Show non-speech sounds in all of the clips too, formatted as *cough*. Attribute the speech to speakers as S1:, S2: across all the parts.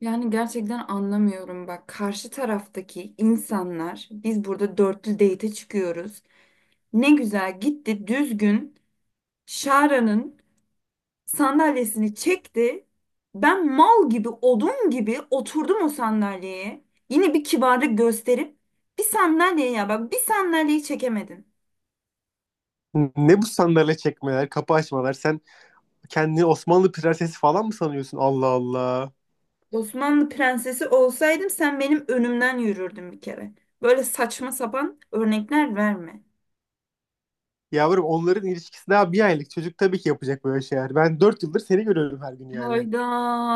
S1: Yani gerçekten anlamıyorum bak karşı taraftaki insanlar biz burada dörtlü date'e çıkıyoruz. Ne güzel gitti düzgün Şara'nın sandalyesini çekti. Ben mal gibi odun gibi oturdum o sandalyeye. Yine bir kibarlık gösterip bir sandalye ya bak bir sandalyeyi çekemedin.
S2: Ne bu sandalye çekmeler, kapı açmalar? Sen kendini Osmanlı prensesi falan mı sanıyorsun? Allah Allah.
S1: Osmanlı prensesi olsaydım sen benim önümden yürürdün bir kere. Böyle saçma sapan örnekler verme.
S2: Yavrum onların ilişkisi daha bir aylık. Çocuk tabii ki yapacak böyle şeyler. Ben 4 yıldır seni görüyorum her gün yani.
S1: Hayda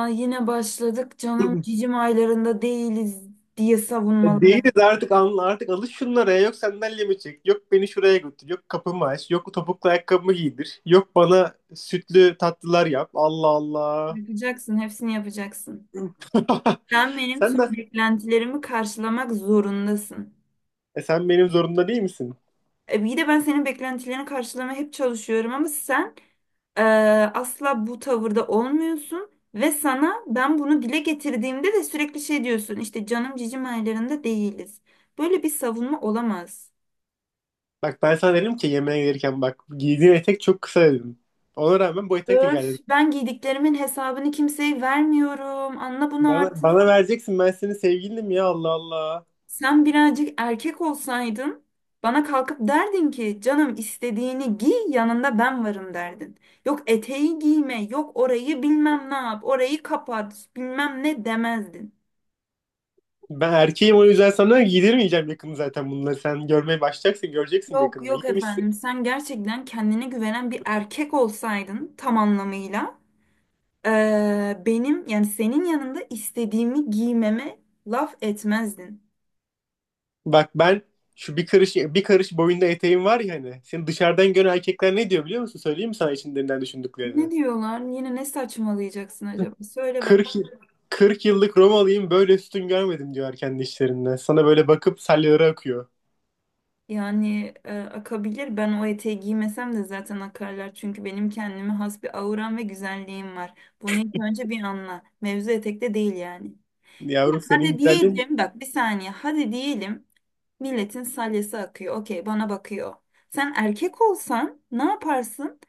S1: yine başladık canım cicim aylarında değiliz diye
S2: *clears throat* Değiliz
S1: savunmalara.
S2: artık anla artık alış şunlara ya. Yok sandalyemi çek, yok beni şuraya götür, yok kapımı aç, yok topuklu ayakkabımı giydir, yok bana sütlü tatlılar yap. Allah Allah.
S1: Yapacaksın hepsini yapacaksın. Sen
S2: *laughs*
S1: benim
S2: Sen
S1: tüm
S2: de
S1: beklentilerimi karşılamak zorundasın.
S2: sen benim zorunda değil misin?
S1: E, bir de ben senin beklentilerini karşılamaya hep çalışıyorum ama sen e, asla bu tavırda olmuyorsun. Ve sana ben bunu dile getirdiğimde de sürekli şey diyorsun işte canım cicim aylarında değiliz. Böyle bir savunma olamaz.
S2: Bak ben sana dedim ki yemeğe gelirken bak giydiğin etek çok kısa dedim. Ona rağmen bu etekle geldi.
S1: Öf, ben giydiklerimin hesabını kimseye vermiyorum. Anla bunu
S2: Bana,
S1: artık.
S2: bana vereceksin, ben senin sevgilinim ya. Allah Allah.
S1: Sen birazcık erkek olsaydın bana kalkıp derdin ki canım istediğini giy yanında ben varım derdin. Yok eteği giyme, yok orayı bilmem ne yap, orayı kapat, bilmem ne demezdin.
S2: Ben erkeğim, o yüzden sana giydirmeyeceğim yakında zaten bunları. Sen görmeye başlayacaksın, göreceksin
S1: Yok
S2: yakında.
S1: yok
S2: Giymişsin.
S1: efendim sen gerçekten kendine güvenen bir erkek olsaydın tam anlamıyla benim yani senin yanında istediğimi giymeme laf etmezdin.
S2: Bak ben şu bir karış bir karış boyunda eteğim var ya hani. Senin dışarıdan gören erkekler ne diyor biliyor musun? Söyleyeyim mi sana içlerinden düşündüklerini?
S1: Ne diyorlar? Yine ne saçmalayacaksın acaba? Söyle bak.
S2: Kırk yıllık Romalıyım böyle üstün görmedim diyor kendi işlerinde. Sana böyle bakıp salyaları akıyor.
S1: Yani akabilir. Ben o eteği giymesem de zaten akarlar. Çünkü benim kendime has bir auram ve güzelliğim var. Bunu ilk önce bir anla. Mevzu etekte değil yani.
S2: Yavrum senin
S1: Hadi
S2: güzelliğin
S1: diyelim bak bir saniye. Hadi diyelim milletin salyası akıyor. Okey bana bakıyor. Sen erkek olsan ne yaparsın?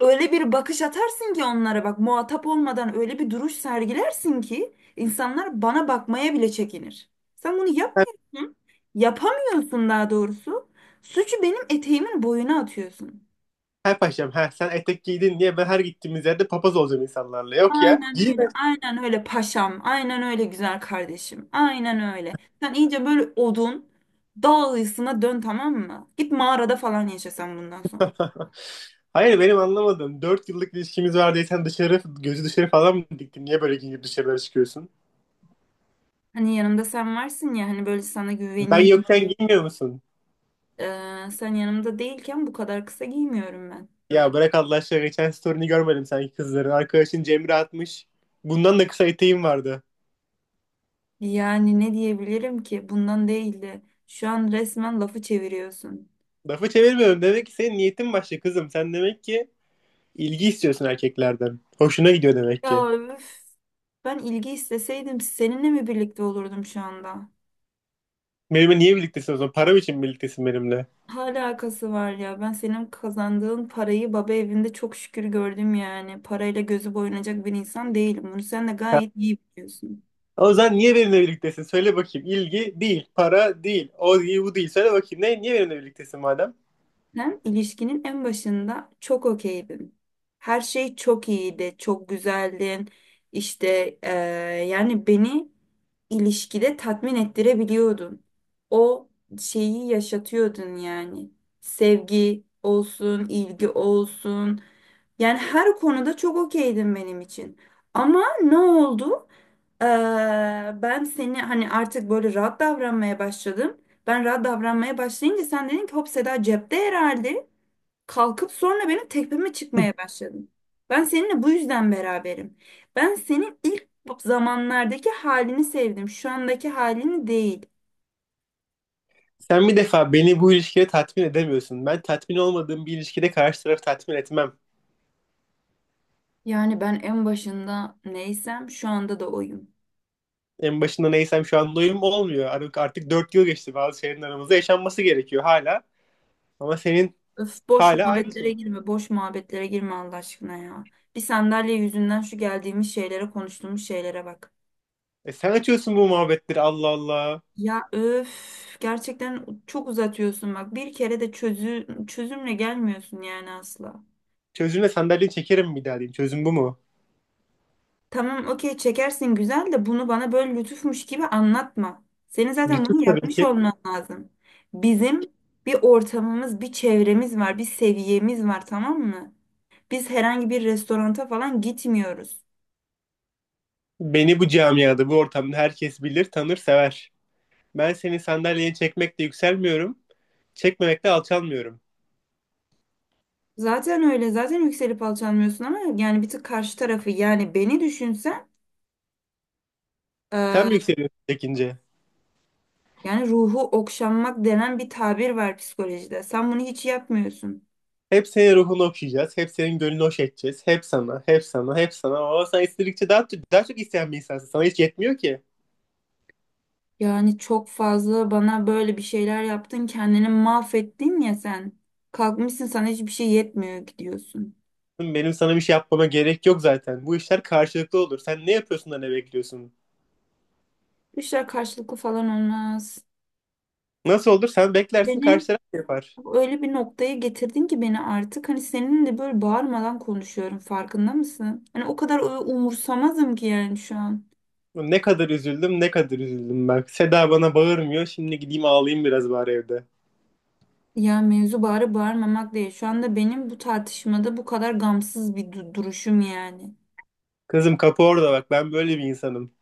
S1: Öyle bir bakış atarsın ki onlara bak muhatap olmadan öyle bir duruş sergilersin ki insanlar bana bakmaya bile çekinir. Sen bunu yapmıyorsun. Yapamıyorsun daha doğrusu. Suçu benim eteğimin boyuna atıyorsun.
S2: her paşam, ha sen etek giydin diye ben her gittiğimiz yerde papaz olacağım insanlarla. Yok ya,
S1: Aynen öyle.
S2: giyme.
S1: Aynen öyle paşam. Aynen öyle güzel kardeşim. Aynen öyle. Sen iyice böyle odun dağ ayısına dön tamam mı? Git mağarada falan yaşa sen bundan sonra.
S2: *laughs* Hayır benim anlamadım. Dört yıllık ilişkimiz var diye sen dışarı, gözü dışarı falan mı diktin? Niye böyle giyinip dışarılara çıkıyorsun?
S1: Hani yanımda sen varsın ya hani böyle sana
S2: Ben
S1: güveneyim.
S2: yokken giymiyor musun?
S1: Sen yanımda değilken bu kadar kısa giymiyorum ben.
S2: Ya bırak Allah aşkına, geçen story'ni görmedim sanki kızların. Arkadaşın Cemre atmış. Bundan da kısa eteğim vardı.
S1: Yani ne diyebilirim ki? Bundan değildi. Şu an resmen lafı çeviriyorsun.
S2: Lafı çevirmiyorum. Demek ki senin niyetin başka kızım. Sen demek ki İlgi istiyorsun erkeklerden. Hoşuna gidiyor demek ki.
S1: Ya üf. Ben ilgi isteseydim seninle mi birlikte olurdum şu anda?
S2: Benimle niye birliktesin o zaman? Param için birliktesin benimle?
S1: Hala alakası var ya. Ben senin kazandığın parayı baba evinde çok şükür gördüm yani. Parayla gözü boyanacak bir insan değilim. Bunu sen de gayet iyi biliyorsun.
S2: O zaman niye benimle birliktesin? Söyle bakayım. İlgi değil, para değil, o değil, bu değil. Söyle bakayım. Ne, niye benimle birliktesin madem?
S1: Zaten ilişkinin en başında çok okeydim. Her şey çok iyiydi, çok güzeldin. İşte yani beni ilişkide tatmin ettirebiliyordun. O şeyi yaşatıyordun yani. Sevgi olsun, ilgi olsun. Yani her konuda çok okeydin benim için. Ama ne oldu? Eee, ben seni hani artık böyle rahat davranmaya başladım. Ben rahat davranmaya başlayınca sen dedin ki hop Seda cepte herhalde. Kalkıp sonra benim tepeme çıkmaya başladın. Ben seninle bu yüzden beraberim. Ben senin ilk zamanlardaki halini sevdim. Şu andaki halini değil.
S2: Sen bir defa beni bu ilişkide tatmin edemiyorsun. Ben tatmin olmadığım bir ilişkide karşı tarafı tatmin etmem.
S1: Yani ben en başında neysem şu anda da oyum.
S2: En başında neysem şu an doyum olmuyor. Artık, artık 4 yıl geçti, bazı şeylerin aramızda yaşanması gerekiyor hala. Ama senin
S1: Öf boş
S2: hala aynı şey.
S1: muhabbetlere girme, boş muhabbetlere girme Allah aşkına ya. Bir sandalye yüzünden şu geldiğimiz şeylere, konuştuğumuz şeylere bak.
S2: E sen açıyorsun bu muhabbetleri. Allah Allah.
S1: Ya öf gerçekten çok uzatıyorsun bak bir kere de çözümle gelmiyorsun yani asla.
S2: Çözümle sandalyeyi çekerim bir daha diyeyim. Çözüm bu mu?
S1: Tamam okey çekersin güzel de bunu bana böyle lütufmuş gibi anlatma. Senin zaten
S2: Lütuf
S1: bunu
S2: tabii
S1: yapmış
S2: ki.
S1: olman lazım. Bizim bir ortamımız, bir çevremiz var, bir seviyemiz var tamam mı? Biz herhangi bir restoranta falan gitmiyoruz.
S2: Beni bu camiada, bu ortamda herkes bilir, tanır, sever. Ben seni sandalyeye çekmekle yükselmiyorum, çekmemekle alçalmıyorum.
S1: Zaten öyle zaten yükselip alçalmıyorsun ama yani bir tık karşı tarafı yani beni düşünsen.
S2: Sen mi yükseliyorsun çekince?
S1: Yani ruhu okşanmak denen bir tabir var psikolojide. Sen bunu hiç yapmıyorsun.
S2: Hep senin ruhunu okşayacağız, hep senin gönlünü hoş edeceğiz. Hep sana, hep sana, hep sana. Ama sen istedikçe daha, daha çok isteyen bir insansın. Sana hiç yetmiyor ki.
S1: Yani çok fazla bana böyle bir şeyler yaptın, kendini mahvettin ya sen. Kalkmışsın sana hiçbir şey yetmiyor gidiyorsun.
S2: Benim sana bir şey yapmama gerek yok zaten. Bu işler karşılıklı olur. Sen ne yapıyorsun da ne bekliyorsun?
S1: Bu işler karşılıklı falan olmaz.
S2: Nasıl olur? Sen beklersin,
S1: Beni
S2: karşı taraf yapar.
S1: öyle bir noktaya getirdin ki beni artık hani seninle böyle bağırmadan konuşuyorum farkında mısın? Hani o kadar umursamazım ki yani şu an.
S2: Ne kadar üzüldüm, ne kadar üzüldüm bak. Seda bana bağırmıyor. Şimdi gideyim ağlayayım biraz bari evde.
S1: Ya mevzu bağırıp bağırmamak değil. Şu anda benim bu tartışmada bu kadar gamsız bir duruşum yani.
S2: Kızım kapı orada bak. Ben böyle bir insanım.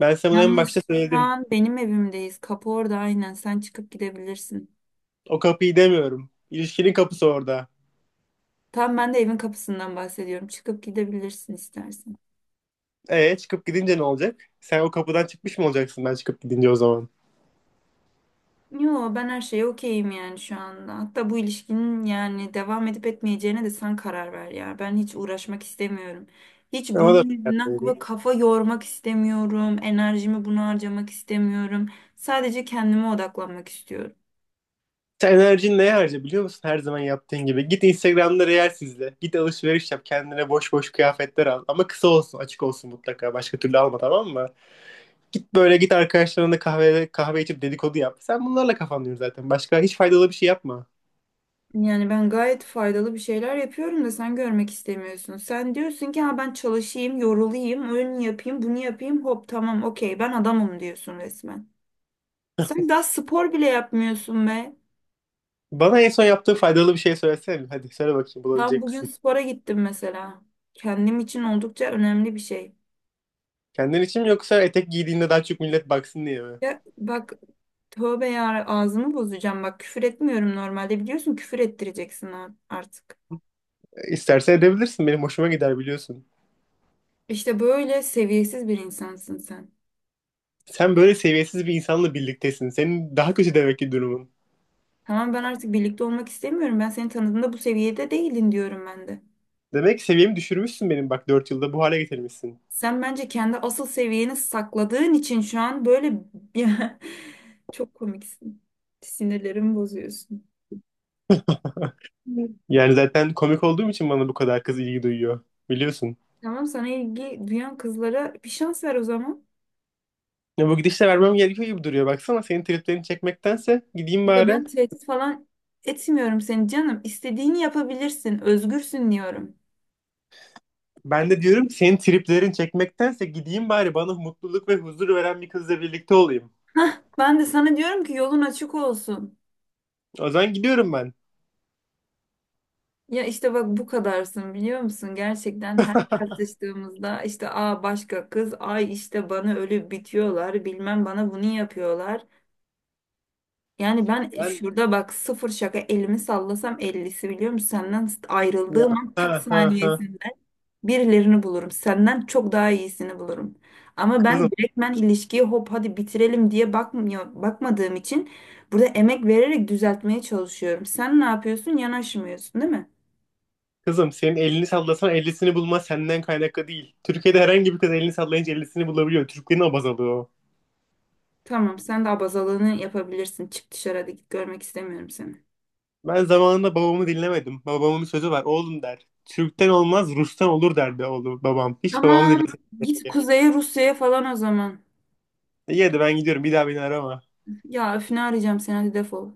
S2: Ben sana en başta
S1: Yalnız şu
S2: söyledim.
S1: an benim evimdeyiz. Kapı orada aynen. Sen çıkıp gidebilirsin.
S2: O kapıyı demiyorum. İlişkinin kapısı orada.
S1: Tam ben de evin kapısından bahsediyorum. Çıkıp gidebilirsin istersen.
S2: E çıkıp gidince ne olacak? Sen o kapıdan çıkmış mı olacaksın ben çıkıp gidince o zaman?
S1: Yo ben her şeye okeyim yani şu anda. Hatta bu ilişkinin yani devam edip etmeyeceğine de sen karar ver ya. Ben hiç uğraşmak istemiyorum. Hiç
S2: Ama da
S1: bunun yüzünden kafa kafa yormak istemiyorum. Enerjimi buna harcamak istemiyorum. Sadece kendime odaklanmak istiyorum.
S2: sen enerjini neye harca biliyor musun? Her zaman yaptığın gibi. Git Instagram'da reels izle. Git alışveriş yap. Kendine boş boş kıyafetler al. Ama kısa olsun, açık olsun mutlaka. Başka türlü alma, tamam mı? Git böyle, git arkadaşlarınla kahve kahve içip dedikodu yap. Sen bunlarla kafanlıyorsun zaten. Başka hiç faydalı bir şey yapma.
S1: Yani ben gayet faydalı bir şeyler yapıyorum da sen görmek istemiyorsun. Sen diyorsun ki ha ben çalışayım, yorulayım, öyle yapayım, bunu yapayım. Hop tamam okey ben adamım diyorsun resmen. Sen daha spor bile yapmıyorsun be.
S2: Bana en son yaptığı faydalı bir şey söylesene. Hadi söyle bakayım,
S1: Tam
S2: bulabilecek
S1: bugün
S2: misin?
S1: spora gittim mesela. Kendim için oldukça önemli bir şey.
S2: Kendin için mi, yoksa etek giydiğinde daha çok millet baksın diye mi?
S1: Ya bak tövbe ya ağzımı bozacağım. Bak küfür etmiyorum normalde biliyorsun küfür ettireceksin artık.
S2: E, İstersen edebilirsin. Benim hoşuma gider biliyorsun.
S1: İşte böyle seviyesiz bir insansın sen.
S2: Sen böyle seviyesiz bir insanla birliktesin. Senin daha kötü demek ki durumun.
S1: Tamam ben artık birlikte olmak istemiyorum. Ben seni tanıdığımda bu seviyede değildin diyorum ben de.
S2: Demek ki seviyemi düşürmüşsün benim, bak 4 yılda bu hale getirmişsin.
S1: Sen bence kendi asıl seviyeni sakladığın için şu an böyle *laughs* çok komiksin. Sinirlerimi bozuyorsun.
S2: Yani zaten komik olduğum için bana bu kadar kız ilgi duyuyor. Biliyorsun.
S1: Tamam sana ilgi duyan kızlara bir şans ver o zaman.
S2: Ya bu gidişle vermem gerekiyor gibi duruyor. Baksana, senin triplerini çekmektense gideyim
S1: Ya
S2: bari.
S1: ben tehdit falan etmiyorum seni canım. İstediğini yapabilirsin. Özgürsün diyorum.
S2: Ben de diyorum senin triplerini çekmektense gideyim bari, bana mutluluk ve huzur veren bir kızla birlikte olayım.
S1: Ben de sana diyorum ki yolun açık olsun.
S2: O zaman gidiyorum ben.
S1: Ya işte bak bu kadarsın biliyor musun? Gerçekten her tartıştığımızda işte başka kız, ay işte bana ölüp bitiyorlar, bilmem bana bunu yapıyorlar. Yani ben
S2: Ben,
S1: şurada bak sıfır şaka elimi sallasam ellisi biliyor musun? Senden
S2: ya,
S1: ayrıldığım an
S2: ha
S1: tak
S2: ha ha.
S1: saniyesinde birilerini bulurum. Senden çok daha iyisini bulurum. Ama ben
S2: Kızım,
S1: direktmen ilişkiyi hop hadi bitirelim diye bakmıyor, bakmadığım için burada emek vererek düzeltmeye çalışıyorum. Sen ne yapıyorsun? Yanaşmıyorsun, değil mi?
S2: kızım senin elini sallasan ellisini bulma senden kaynaklı değil. Türkiye'de herhangi bir kız elini sallayınca ellisini bulabiliyor. Türklerin abazalığı o.
S1: Tamam, sen de abazalığını yapabilirsin. Çık dışarı hadi git görmek istemiyorum seni.
S2: Ben zamanında babamı dinlemedim. Babamın bir sözü var. Oğlum, der. Türk'ten olmaz Rus'tan olur derdi oğlum babam. Hiç babamı
S1: Tamam.
S2: dinlemedim.
S1: Git kuzeye Rusya'ya falan o zaman.
S2: İyi, hadi ben gidiyorum. Bir daha beni arama.
S1: Ya öfünü arayacağım seni hadi defol.